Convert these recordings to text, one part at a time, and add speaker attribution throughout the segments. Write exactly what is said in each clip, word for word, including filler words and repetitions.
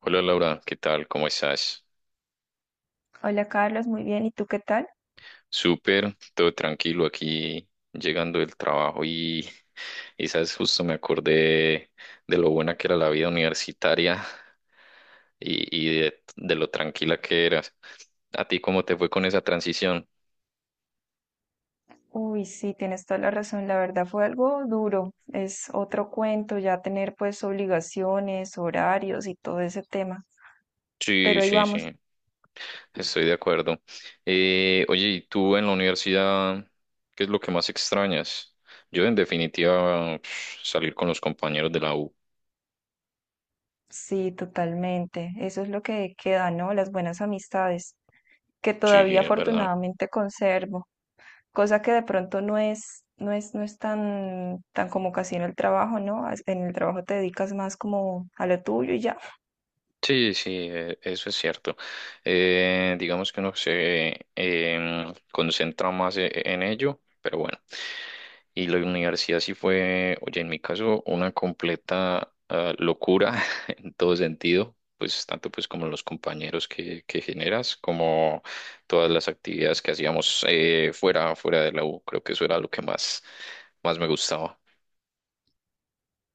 Speaker 1: Hola Laura, ¿qué tal? ¿Cómo estás?
Speaker 2: Hola Carlos, muy bien. ¿Y tú qué tal?
Speaker 1: Súper, todo tranquilo aquí llegando del trabajo y, y sabes, justo me acordé de lo buena que era la vida universitaria y, y de, de lo tranquila que eras. ¿A ti cómo te fue con esa transición?
Speaker 2: Uy, sí, tienes toda la razón. La verdad fue algo duro. Es otro cuento ya tener pues obligaciones, horarios y todo ese tema.
Speaker 1: Sí,
Speaker 2: Pero ahí
Speaker 1: sí,
Speaker 2: vamos.
Speaker 1: sí, estoy de acuerdo. Eh, oye, ¿y tú en la universidad qué es lo que más extrañas? Yo en definitiva salir con los compañeros de la U.
Speaker 2: Sí, totalmente. Eso es lo que queda, ¿no? Las buenas amistades, que
Speaker 1: Sí,
Speaker 2: todavía
Speaker 1: es verdad.
Speaker 2: afortunadamente conservo, cosa que de pronto no es, no es, no es tan, tan como casi en el trabajo, ¿no? As- En el trabajo te dedicas más como a lo tuyo y ya.
Speaker 1: Sí, sí, e- eso es cierto. Eh, digamos que uno se em, concentra más e- e, en ello, pero bueno. Y la universidad sí fue, oye, en mi caso, una completa ah, locura en todo sentido, pues tanto pues como los compañeros que, que generas, como todas las actividades que hacíamos eh, fuera, fuera de la U. Creo que eso era lo que más, más me gustaba.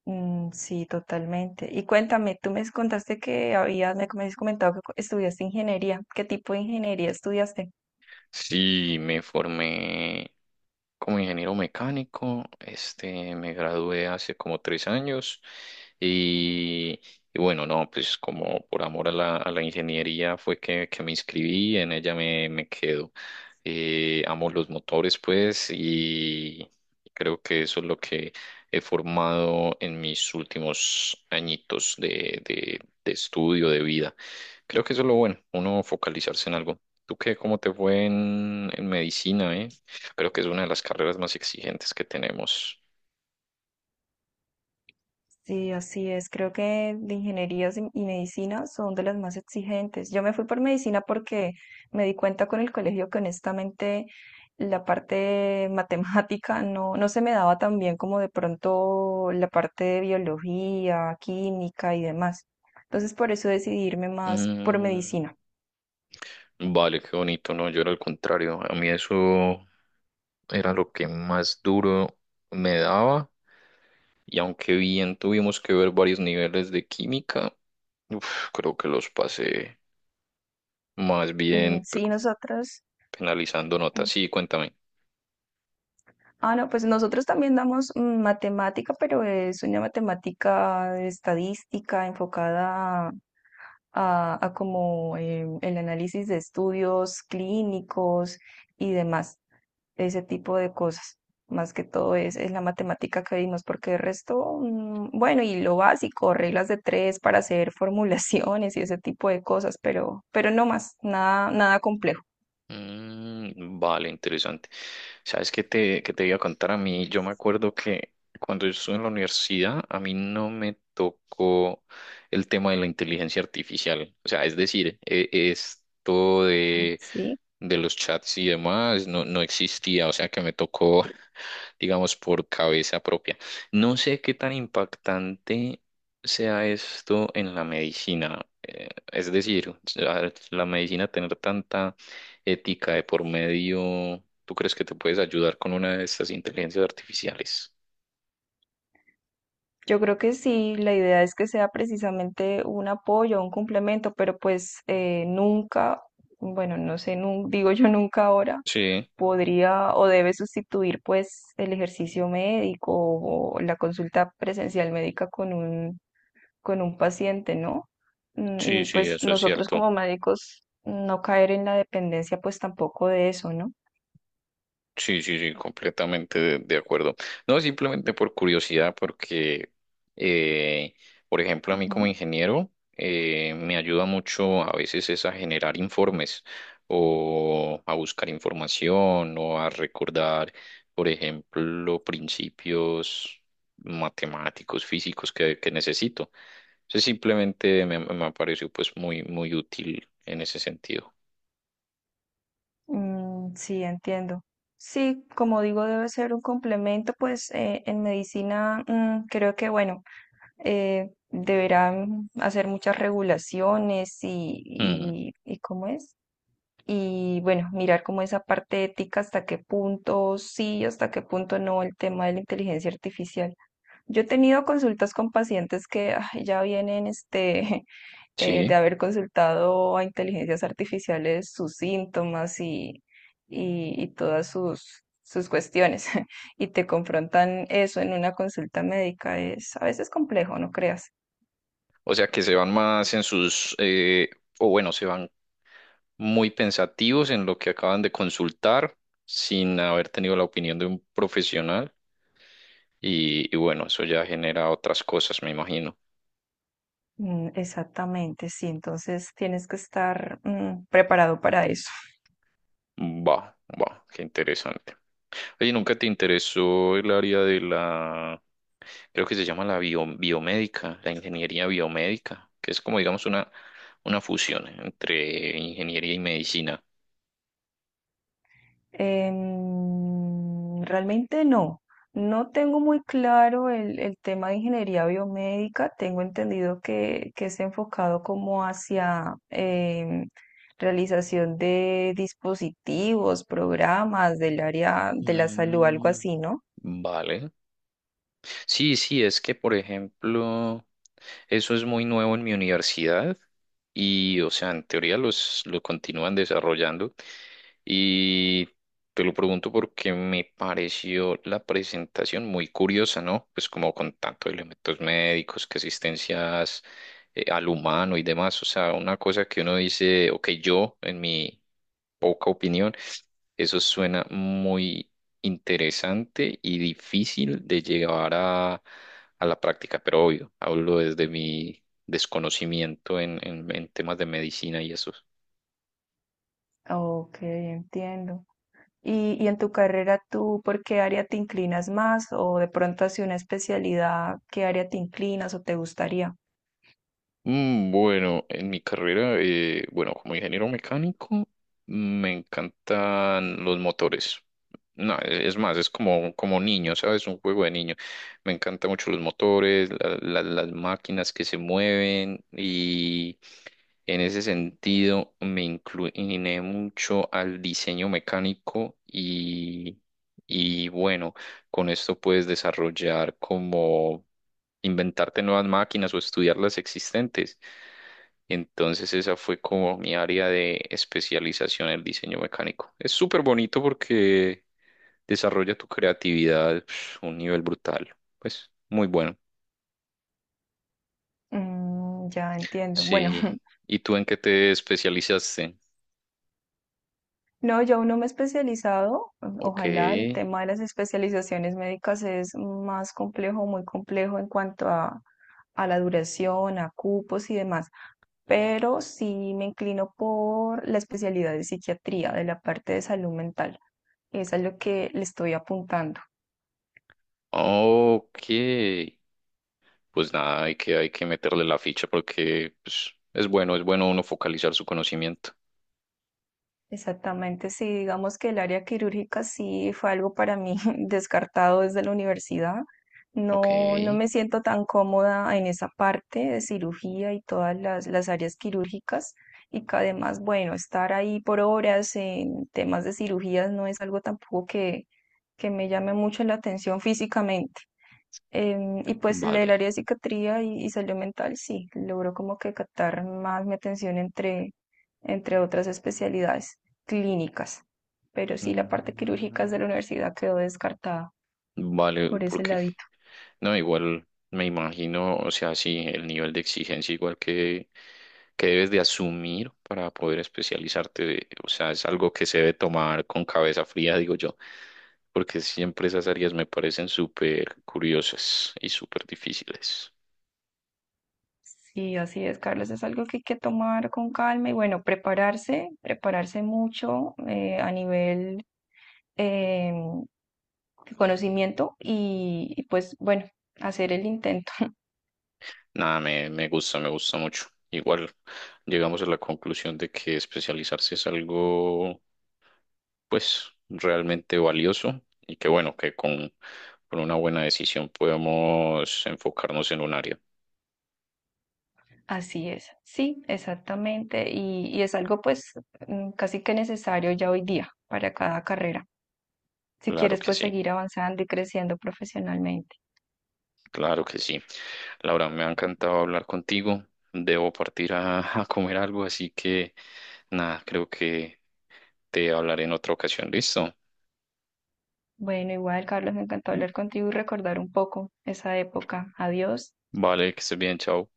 Speaker 2: Mm, sí, totalmente. Y cuéntame, tú me contaste que habías, me habías comentado que co- estudiaste ingeniería. ¿Qué tipo de ingeniería estudiaste?
Speaker 1: Sí, me formé como ingeniero mecánico, este, me gradué hace como tres años y, y bueno, no, pues como por amor a la, a la ingeniería fue que, que me inscribí, en ella me, me quedo. Eh, amo los motores, pues, y creo que eso es lo que he formado en mis últimos añitos de, de de estudio, de vida. Creo que eso es lo bueno, uno focalizarse en algo. ¿Tú qué? ¿Cómo te fue en, en medicina, eh? Creo que es una de las carreras más exigentes que tenemos.
Speaker 2: Sí, así es. Creo que de ingenierías y y medicina son de las más exigentes. Yo me fui por medicina porque me di cuenta con el colegio que honestamente la parte matemática no, no se me daba tan bien como de pronto la parte de biología, química y demás. Entonces por eso decidí irme más por
Speaker 1: Mm,
Speaker 2: medicina.
Speaker 1: vale, qué bonito, ¿no? Yo era al contrario. A mí eso era lo que más duro me daba. Y aunque bien tuvimos que ver varios niveles de química, uf, creo que los pasé más bien
Speaker 2: Mm,
Speaker 1: pe-
Speaker 2: sí, nosotros.
Speaker 1: penalizando notas.
Speaker 2: mm,
Speaker 1: Sí, cuéntame.
Speaker 2: Ah, no, pues nosotros también damos mm, matemática, pero es una matemática estadística enfocada a, a como em, el análisis de estudios clínicos y demás, ese tipo de cosas. Más que todo es, es la matemática que vimos, porque el resto, mm, bueno, y lo básico, reglas de tres para hacer formulaciones y ese tipo de cosas, pero, pero no más, nada, nada complejo,
Speaker 1: Mm, vale, interesante. ¿Sabes qué te, qué te iba a contar a mí? Yo me acuerdo que cuando yo estuve en la universidad, a mí no me tocó el tema de la inteligencia artificial. O sea, es decir, e- esto de,
Speaker 2: ¿sí?
Speaker 1: de los chats y demás no, no existía. O sea, que me tocó, digamos, por cabeza propia. No sé qué tan impactante sea esto en la medicina. Eh, es decir, la la medicina tener tanta ética de por medio, ¿tú crees que te puedes ayudar con una de estas inteligencias artificiales?
Speaker 2: Yo creo que sí, la idea es que sea precisamente un apoyo, un complemento, pero pues eh, nunca, bueno, no sé, nun- digo yo nunca ahora,
Speaker 1: Sí,
Speaker 2: podría o debe sustituir pues el ejercicio médico o la consulta presencial médica con un, con un paciente, ¿no? Mm,
Speaker 1: sí,
Speaker 2: y
Speaker 1: sí,
Speaker 2: pues
Speaker 1: eso es
Speaker 2: nosotros
Speaker 1: cierto.
Speaker 2: como médicos no caer en la dependencia pues tampoco de eso, ¿no?
Speaker 1: Sí, sí, sí, completamente de, de acuerdo. No, simplemente por curiosidad, porque, eh, por ejemplo, a mí como
Speaker 2: Ujú.
Speaker 1: ingeniero, eh, me ayuda mucho a veces es a generar informes o a buscar información o a recordar, por ejemplo, principios matemáticos, físicos que, que necesito. Entonces, simplemente me, me ha parecido pues muy, muy útil en ese sentido.
Speaker 2: Mm, sí, entiendo. Sí, como digo, debe ser un complemento, pues eh, en medicina mm, creo que, bueno, eh, deberán hacer muchas regulaciones y,
Speaker 1: Mm,
Speaker 2: y, y ¿cómo es? Y bueno, mirar como esa parte ética, hasta qué punto sí, hasta qué punto no, el tema de la inteligencia artificial. Yo he tenido consultas con pacientes que ay, ya vienen este, eh, de
Speaker 1: sí.
Speaker 2: haber consultado a inteligencias artificiales sus síntomas y, y, y todas sus, sus cuestiones. Y te confrontan eso en una consulta médica. Es a veces complejo, no creas.
Speaker 1: O sea que se van más en sus, eh, o bueno, se van muy pensativos en lo que acaban de consultar sin haber tenido la opinión de un profesional y, y bueno, eso ya genera otras cosas, me imagino.
Speaker 2: Mm, exactamente, sí. Entonces tienes que estar mm, preparado para eso.
Speaker 1: Va, va, qué interesante. Oye, ¿nunca te interesó el área de la, creo que se llama la bio- biomédica, la ingeniería biomédica, que es como digamos una, una fusión entre ingeniería y medicina?
Speaker 2: Em, realmente no. No tengo muy claro el, el tema de ingeniería biomédica. Tengo entendido que, que es enfocado como hacia em, realización de dispositivos, programas del área de la salud, algo
Speaker 1: Mm,
Speaker 2: así, ¿no?
Speaker 1: vale. Sí, sí, es que, por ejemplo, eso es muy nuevo en mi universidad y, o sea, en teoría los, lo continúan desarrollando y te lo pregunto porque me pareció la presentación muy curiosa, ¿no? Pues como con tantos elementos médicos, que asistencias eh, al humano y demás, o sea, una cosa que uno dice, ok, yo en mi poca opinión. Eso suena muy interesante y difícil de llevar a, a la práctica, pero obvio, hablo desde mi desconocimiento en, en, en temas de medicina y eso.
Speaker 2: Ok, entiendo. Y, y en tu carrera, ¿tú por qué área te inclinas más? O de pronto hacia una especialidad, ¿qué área te inclinas o te gustaría?
Speaker 1: Mm, bueno, en mi carrera, eh, bueno, como ingeniero mecánico, me encantan los motores. No, e- es más, es como, como niño, ¿sabes? Un juego de niño. Me encantan mucho los motores, la- la- las máquinas que se mueven y en ese sentido me incliné mucho al diseño mecánico y, y bueno, con esto puedes desarrollar como inventarte nuevas máquinas o estudiar las existentes. Entonces esa fue como mi área de especialización, el diseño mecánico. Es súper bonito porque desarrolla tu creatividad pf, a un nivel brutal. Pues muy bueno.
Speaker 2: Mm, ya entiendo. Bueno,
Speaker 1: Sí. ¿Y tú en qué te especializaste?
Speaker 2: no, yo aún no me he especializado.
Speaker 1: Ok.
Speaker 2: Ojalá el tema de las especializaciones médicas es más complejo, muy complejo en cuanto a, a la duración, a cupos y demás. Pero sí me inclino por la especialidad de psiquiatría, de la parte de salud mental. Esa es lo que le estoy apuntando.
Speaker 1: Ok. Pues nada, hay que, hay que meterle la ficha porque pues, es bueno, es bueno uno focalizar su conocimiento.
Speaker 2: Exactamente, sí, digamos que el área quirúrgica sí fue algo para mí descartado desde la universidad.
Speaker 1: Ok.
Speaker 2: No, no me siento tan cómoda en esa parte de cirugía y todas las, las áreas quirúrgicas y que además, bueno, estar ahí por horas en temas de cirugías no es algo tampoco que, que me llame mucho la atención físicamente. Em, y pues el del
Speaker 1: Vale.
Speaker 2: área de psiquiatría y, y salud mental, sí, logró como que captar más mi atención entre, entre otras especialidades clínicas. Pero sí, la parte quirúrgica de
Speaker 1: Mm.
Speaker 2: la universidad quedó descartada
Speaker 1: Vale,
Speaker 2: por ese
Speaker 1: porque
Speaker 2: ladito.
Speaker 1: no, igual me imagino, o sea, sí, el nivel de exigencia igual que, que debes de asumir para poder especializarte, de- o sea, es algo que se debe tomar con cabeza fría, digo yo, porque siempre esas áreas me parecen súper curiosas y súper difíciles.
Speaker 2: Sí, así es, Carlos, es algo que hay que tomar con calma y bueno, prepararse, prepararse mucho eh, a nivel em, de conocimiento y, y pues bueno, hacer el intento.
Speaker 1: Nada, me, me gusta, me gusta mucho. Igual llegamos a la conclusión de que especializarse es algo pues realmente valioso y que bueno, que con, con una buena decisión podemos enfocarnos en un área.
Speaker 2: Así es, sí, exactamente, y, y es algo pues mm, casi que necesario ya hoy día para cada carrera, si
Speaker 1: Claro
Speaker 2: quieres
Speaker 1: que
Speaker 2: pues
Speaker 1: sí,
Speaker 2: seguir avanzando y creciendo profesionalmente.
Speaker 1: claro que sí. Laura, me ha encantado hablar contigo. Debo partir a, a comer algo, así que nada, creo que te hablaré en otra ocasión. ¿Listo?
Speaker 2: Bueno, igual, Carlos, me encantó hablar contigo y recordar un poco esa época. Adiós.
Speaker 1: Vale, que estés bien, chao.